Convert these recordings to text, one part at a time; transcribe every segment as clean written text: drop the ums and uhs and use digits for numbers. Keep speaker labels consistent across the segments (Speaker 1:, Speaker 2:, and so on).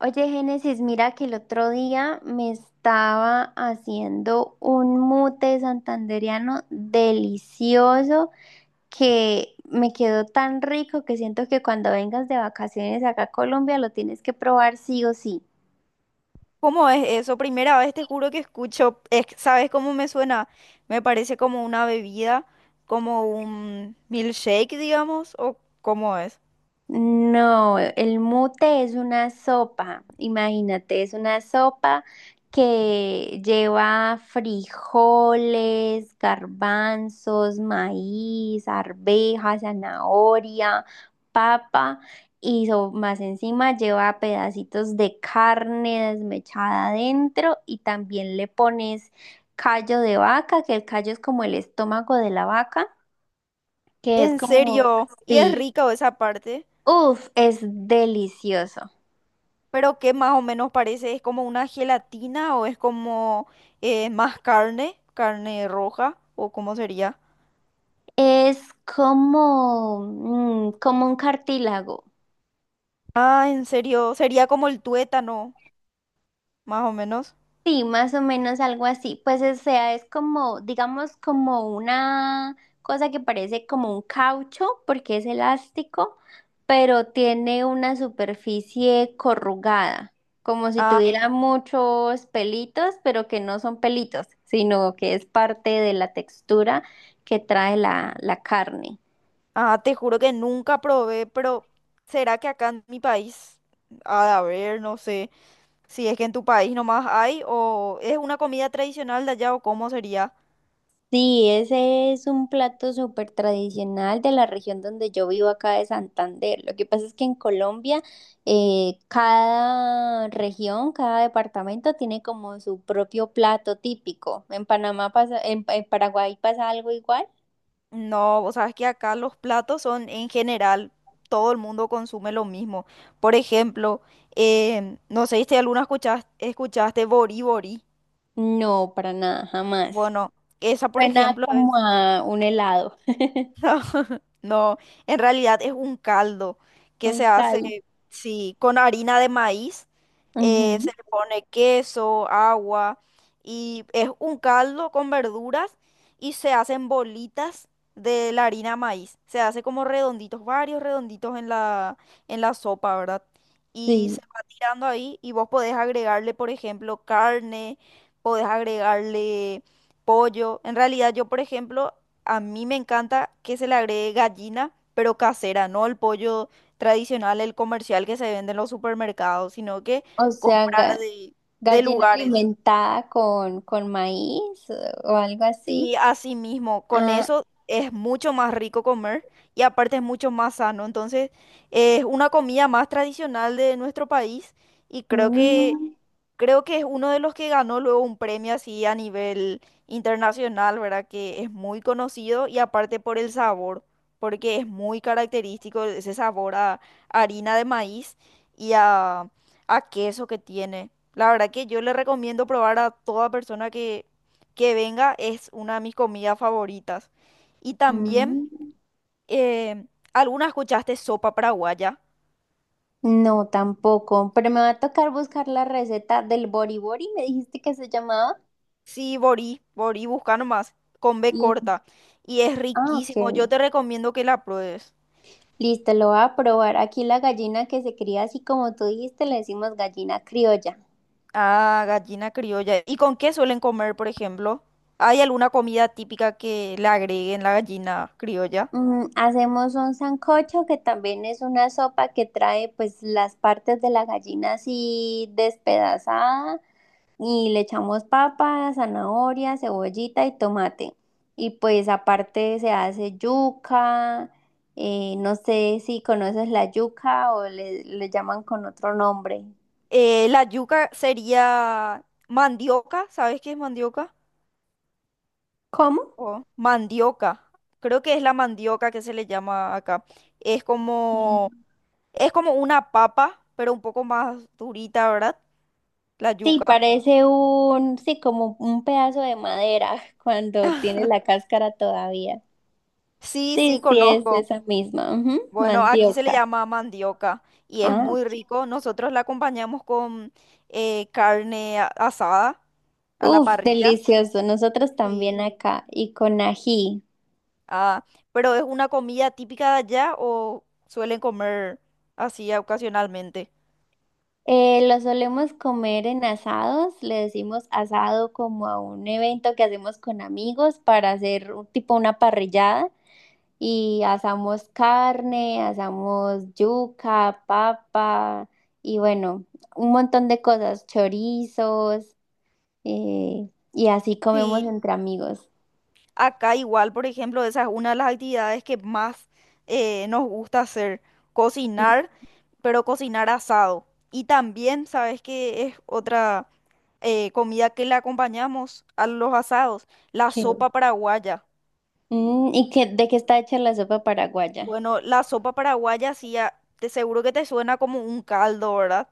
Speaker 1: Oye, Génesis, mira que el otro día me estaba haciendo un mute santandereano delicioso que me quedó tan rico que siento que cuando vengas de vacaciones acá a Colombia lo tienes que probar sí o sí.
Speaker 2: ¿Cómo es eso? Primera vez te juro que escucho, es- ¿sabes cómo me suena? Me parece como una bebida, como un milkshake, digamos, o cómo es.
Speaker 1: No, el mute es una sopa, imagínate, es una sopa que lleva frijoles, garbanzos, maíz, arvejas, zanahoria, papa y más encima lleva pedacitos de carne desmechada adentro y también le pones callo de vaca, que el callo es como el estómago de la vaca, que es
Speaker 2: En
Speaker 1: como,
Speaker 2: serio, ¿y es
Speaker 1: sí.
Speaker 2: rica esa parte?
Speaker 1: Uf, es delicioso.
Speaker 2: Pero ¿qué más o menos parece? ¿Es como una gelatina o es como más carne, carne roja o cómo sería?
Speaker 1: Es como, como un cartílago.
Speaker 2: Ah, en serio, sería como el tuétano, más o menos.
Speaker 1: Sí, más o menos algo así. Pues o sea, es como, digamos, como una cosa que parece como un caucho, porque es elástico, pero tiene una superficie corrugada, como si
Speaker 2: Ah,
Speaker 1: tuviera muchos pelitos, pero que no son pelitos, sino que es parte de la textura que trae la carne.
Speaker 2: ah, te juro que nunca probé, pero ¿será que acá en mi país ha de haber? No sé si es que en tu país nomás hay o es una comida tradicional de allá o cómo sería.
Speaker 1: Sí, ese es un plato súper tradicional de la región donde yo vivo acá de Santander. Lo que pasa es que en Colombia cada región, cada departamento tiene como su propio plato típico. ¿En Panamá pasa, en Paraguay pasa algo igual?
Speaker 2: No, vos sabes que acá los platos son en general, todo el mundo consume lo mismo. Por ejemplo, no sé si alguna escuchaste Bori Bori.
Speaker 1: No, para nada, jamás.
Speaker 2: Bueno, esa por
Speaker 1: Suena
Speaker 2: ejemplo.
Speaker 1: como a un helado,
Speaker 2: No, no, en realidad es un caldo que
Speaker 1: un
Speaker 2: se hace,
Speaker 1: cal.
Speaker 2: sí, con harina de maíz, se
Speaker 1: Ujú.
Speaker 2: le pone queso, agua y es un caldo con verduras y se hacen bolitas de la harina de maíz. Se hace como redonditos, varios redonditos en en la sopa, ¿verdad? Y se
Speaker 1: Sí,
Speaker 2: va tirando ahí y vos podés agregarle, por ejemplo, carne, podés agregarle pollo. En realidad yo, por ejemplo, a mí me encanta que se le agregue gallina, pero casera, no el pollo tradicional, el comercial que se vende en los supermercados, sino que
Speaker 1: o sea,
Speaker 2: comprar de
Speaker 1: gallina
Speaker 2: lugares.
Speaker 1: alimentada con maíz, o algo así.
Speaker 2: Sí, así mismo, con
Speaker 1: Ah.
Speaker 2: eso es mucho más rico comer y aparte es mucho más sano. Entonces, es una comida más tradicional de nuestro país y
Speaker 1: Mm,
Speaker 2: creo que es uno de los que ganó luego un premio así a nivel internacional, ¿verdad? Que es muy conocido y aparte por el sabor, porque es muy característico ese sabor a harina de maíz y a queso que tiene. La verdad que yo le recomiendo probar a toda persona que venga, es una de mis comidas favoritas. Y también,
Speaker 1: mm.
Speaker 2: eh, ¿alguna escuchaste sopa paraguaya?
Speaker 1: No, tampoco, pero me va a tocar buscar la receta del bori bori, me dijiste que se llamaba.
Speaker 2: Sí, Borí, Borí, busca nomás, con B
Speaker 1: Y,
Speaker 2: corta. Y es
Speaker 1: ah, ok.
Speaker 2: riquísimo, yo te recomiendo que la pruebes.
Speaker 1: Listo, lo voy a probar. Aquí la gallina que se cría así como tú dijiste, le decimos gallina criolla.
Speaker 2: Ah, gallina criolla. ¿Y con qué suelen comer, por ejemplo? ¿Hay alguna comida típica que le agreguen la gallina criolla?
Speaker 1: Hacemos un sancocho que también es una sopa que trae pues las partes de la gallina así despedazada y le echamos papa, zanahoria, cebollita y tomate. Y pues aparte se hace yuca, no sé si conoces la yuca o le llaman con otro nombre.
Speaker 2: La yuca sería mandioca, ¿sabes qué es mandioca?
Speaker 1: ¿Cómo?
Speaker 2: Oh, mandioca. Creo que es la mandioca que se le llama acá. Es
Speaker 1: Mm.
Speaker 2: como, es como una papa, pero un poco más durita, ¿verdad? La
Speaker 1: Sí,
Speaker 2: yuca.
Speaker 1: parece un, sí, como un pedazo de madera cuando tiene la cáscara todavía.
Speaker 2: Sí, sí,
Speaker 1: Sí, sí, es
Speaker 2: conozco.
Speaker 1: esa misma, ujú,
Speaker 2: Bueno, aquí se le
Speaker 1: mandioca.
Speaker 2: llama mandioca y es
Speaker 1: Ah,
Speaker 2: muy
Speaker 1: ok.
Speaker 2: rico. Nosotros la acompañamos con carne asada a la
Speaker 1: Uf,
Speaker 2: parrilla.
Speaker 1: delicioso. Nosotros también
Speaker 2: Sí.
Speaker 1: acá y con ají.
Speaker 2: Ah, pero ¿es una comida típica de allá o suelen comer así ocasionalmente?
Speaker 1: Lo solemos comer en asados, le decimos asado como a un evento que hacemos con amigos para hacer tipo una parrillada y asamos carne, asamos yuca, papa y bueno, un montón de cosas, chorizos, y así
Speaker 2: Sí.
Speaker 1: comemos entre amigos.
Speaker 2: Acá igual, por ejemplo, esa es una de las actividades que más nos gusta hacer, cocinar, pero cocinar asado. Y también, ¿sabes qué es otra comida que le acompañamos a los asados? La
Speaker 1: Chévere.
Speaker 2: sopa paraguaya.
Speaker 1: ¿Y qué, de qué está hecha la sopa paraguaya?
Speaker 2: Bueno, la sopa paraguaya sí, a- te seguro que te suena como un caldo, ¿verdad?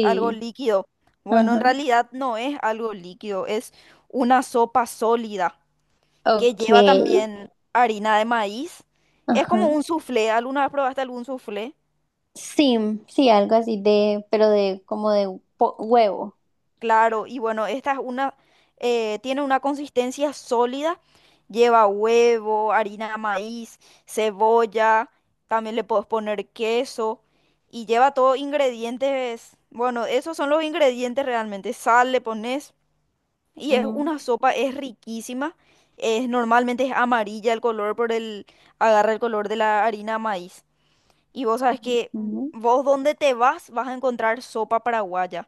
Speaker 2: Algo líquido. Bueno, en
Speaker 1: Ajá.
Speaker 2: realidad no es algo líquido, es una sopa sólida, que
Speaker 1: Ok.
Speaker 2: lleva también harina de maíz. Es
Speaker 1: Ajá.
Speaker 2: como un soufflé. ¿Alguna vez probaste algún soufflé?
Speaker 1: Sí, sí, algo así de, pero de como de huevo.
Speaker 2: Claro, y bueno, esta es una, tiene una consistencia sólida. Lleva huevo, harina de maíz, cebolla, también le puedes poner queso y lleva todos ingredientes. Bueno, esos son los ingredientes realmente. Sal le pones y es
Speaker 1: Ujú,
Speaker 2: una sopa, es riquísima. Es, normalmente es amarilla el color por el, agarra el color de la harina de maíz. Y vos sabes que
Speaker 1: ujú.
Speaker 2: vos donde te vas vas a encontrar sopa paraguaya.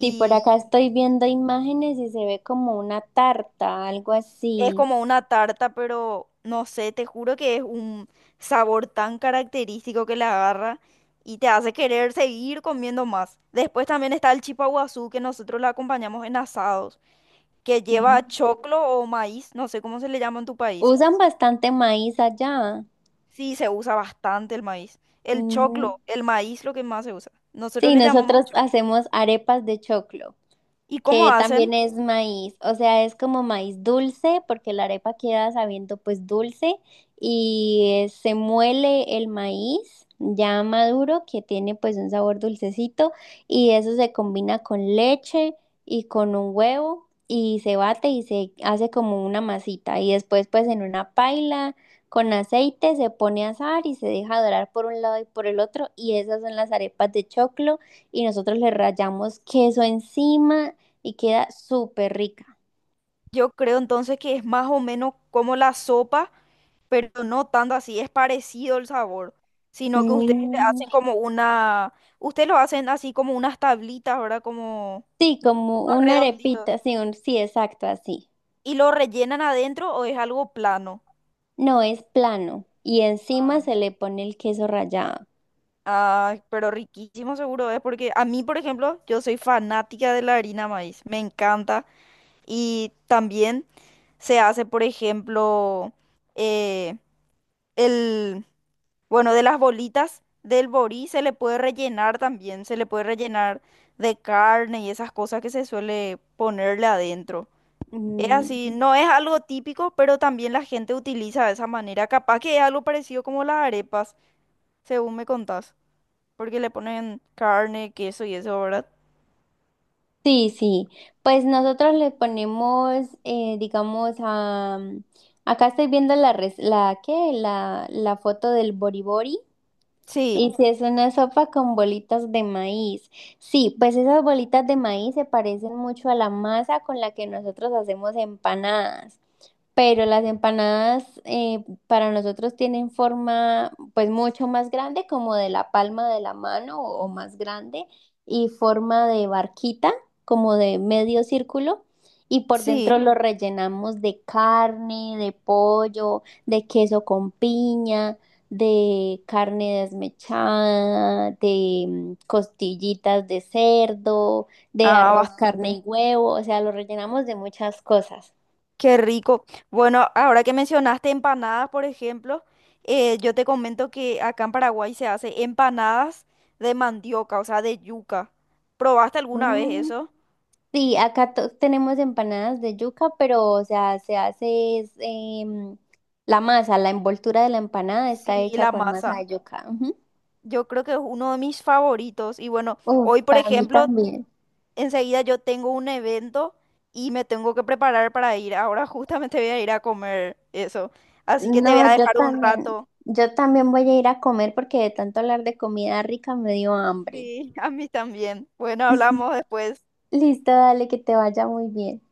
Speaker 1: Sí, por acá estoy viendo imágenes y se ve como una tarta, algo
Speaker 2: es
Speaker 1: así.
Speaker 2: como una tarta, pero no sé, te juro que es un sabor tan característico que la agarra y te hace querer seguir comiendo más. Después también está el chipaguazú, que nosotros la acompañamos en asados, que
Speaker 1: Ujú.
Speaker 2: lleva choclo o maíz, no sé cómo se le llama en tu país.
Speaker 1: Usan bastante maíz allá.
Speaker 2: Sí, se usa bastante el maíz. El choclo,
Speaker 1: Ujú.
Speaker 2: el maíz, lo que más se usa. Nosotros
Speaker 1: Sí,
Speaker 2: le llamamos
Speaker 1: nosotros
Speaker 2: choclo.
Speaker 1: hacemos arepas de choclo,
Speaker 2: ¿Y cómo
Speaker 1: que
Speaker 2: hacen?
Speaker 1: también es maíz, o sea, es como maíz dulce, porque la arepa queda sabiendo pues dulce y se muele el maíz ya maduro que tiene pues un sabor dulcecito y eso se combina con leche y con un huevo y se bate y se hace como una masita y después pues en una paila con aceite se pone a asar y se deja dorar por un lado y por el otro y esas son las arepas de choclo y nosotros le rallamos queso encima y queda súper rica.
Speaker 2: Yo creo entonces que es más o menos como la sopa, pero no tanto así, es parecido el sabor, sino que ustedes le
Speaker 1: Mm.
Speaker 2: hacen como una, ustedes lo hacen así como unas tablitas, ¿verdad? Como
Speaker 1: Sí, como
Speaker 2: unos
Speaker 1: una
Speaker 2: redonditos.
Speaker 1: arepita, sí, sí, exacto, así.
Speaker 2: ¿Y lo rellenan adentro o es algo plano?
Speaker 1: No es plano y encima se le pone el queso rallado.
Speaker 2: Ah, pero riquísimo seguro es, porque a mí, por ejemplo, yo soy fanática de la harina maíz, me encanta. Y también se hace, por ejemplo, eh, el... Bueno, de las bolitas del borí se le puede rellenar también, se le puede rellenar de carne y esas cosas que se suele ponerle adentro. Es así,
Speaker 1: Mm.
Speaker 2: no es algo típico, pero también la gente utiliza de esa manera. Capaz que es algo parecido como las arepas, según me contás, porque le ponen carne, queso y eso, ¿verdad?
Speaker 1: Sí, sí. Pues nosotros le ponemos, digamos, a... Acá estoy viendo la, la, ¿qué? La foto del boribori.
Speaker 2: Sí,
Speaker 1: Y si es una sopa con bolitas de maíz. Sí, pues esas bolitas de maíz se parecen mucho a la masa con la que nosotros hacemos empanadas. Pero las empanadas, para nosotros tienen forma pues mucho más grande, como de la palma de la mano o más grande, y forma de barquita, como de medio círculo, y por dentro
Speaker 2: sí.
Speaker 1: lo rellenamos de carne, de pollo, de queso con piña, de carne desmechada, de costillitas de cerdo, de
Speaker 2: Ah,
Speaker 1: arroz, carne
Speaker 2: bastante.
Speaker 1: y huevo, o sea, lo rellenamos de muchas cosas.
Speaker 2: Qué rico. Bueno, ahora que mencionaste empanadas, por ejemplo, yo te comento que acá en Paraguay se hace empanadas de mandioca, o sea, de yuca. ¿Probaste alguna vez eso?
Speaker 1: Sí, acá tenemos empanadas de yuca, pero o sea, se hace es, em, la masa, la envoltura de la empanada está
Speaker 2: Sí,
Speaker 1: hecha
Speaker 2: la
Speaker 1: con masa
Speaker 2: masa.
Speaker 1: de yuca. Ujú.
Speaker 2: Yo creo que es uno de mis favoritos. Y bueno,
Speaker 1: Uf,
Speaker 2: hoy, por
Speaker 1: para mí
Speaker 2: ejemplo,
Speaker 1: también.
Speaker 2: enseguida yo tengo un evento y me tengo que preparar para ir. Ahora justamente voy a ir a comer eso. Así que te voy
Speaker 1: No,
Speaker 2: a dejar un rato.
Speaker 1: yo también voy a ir a comer porque de tanto hablar de comida rica me dio hambre.
Speaker 2: Sí, a mí también. Bueno, hablamos después.
Speaker 1: Listo, dale, que te vaya muy bien.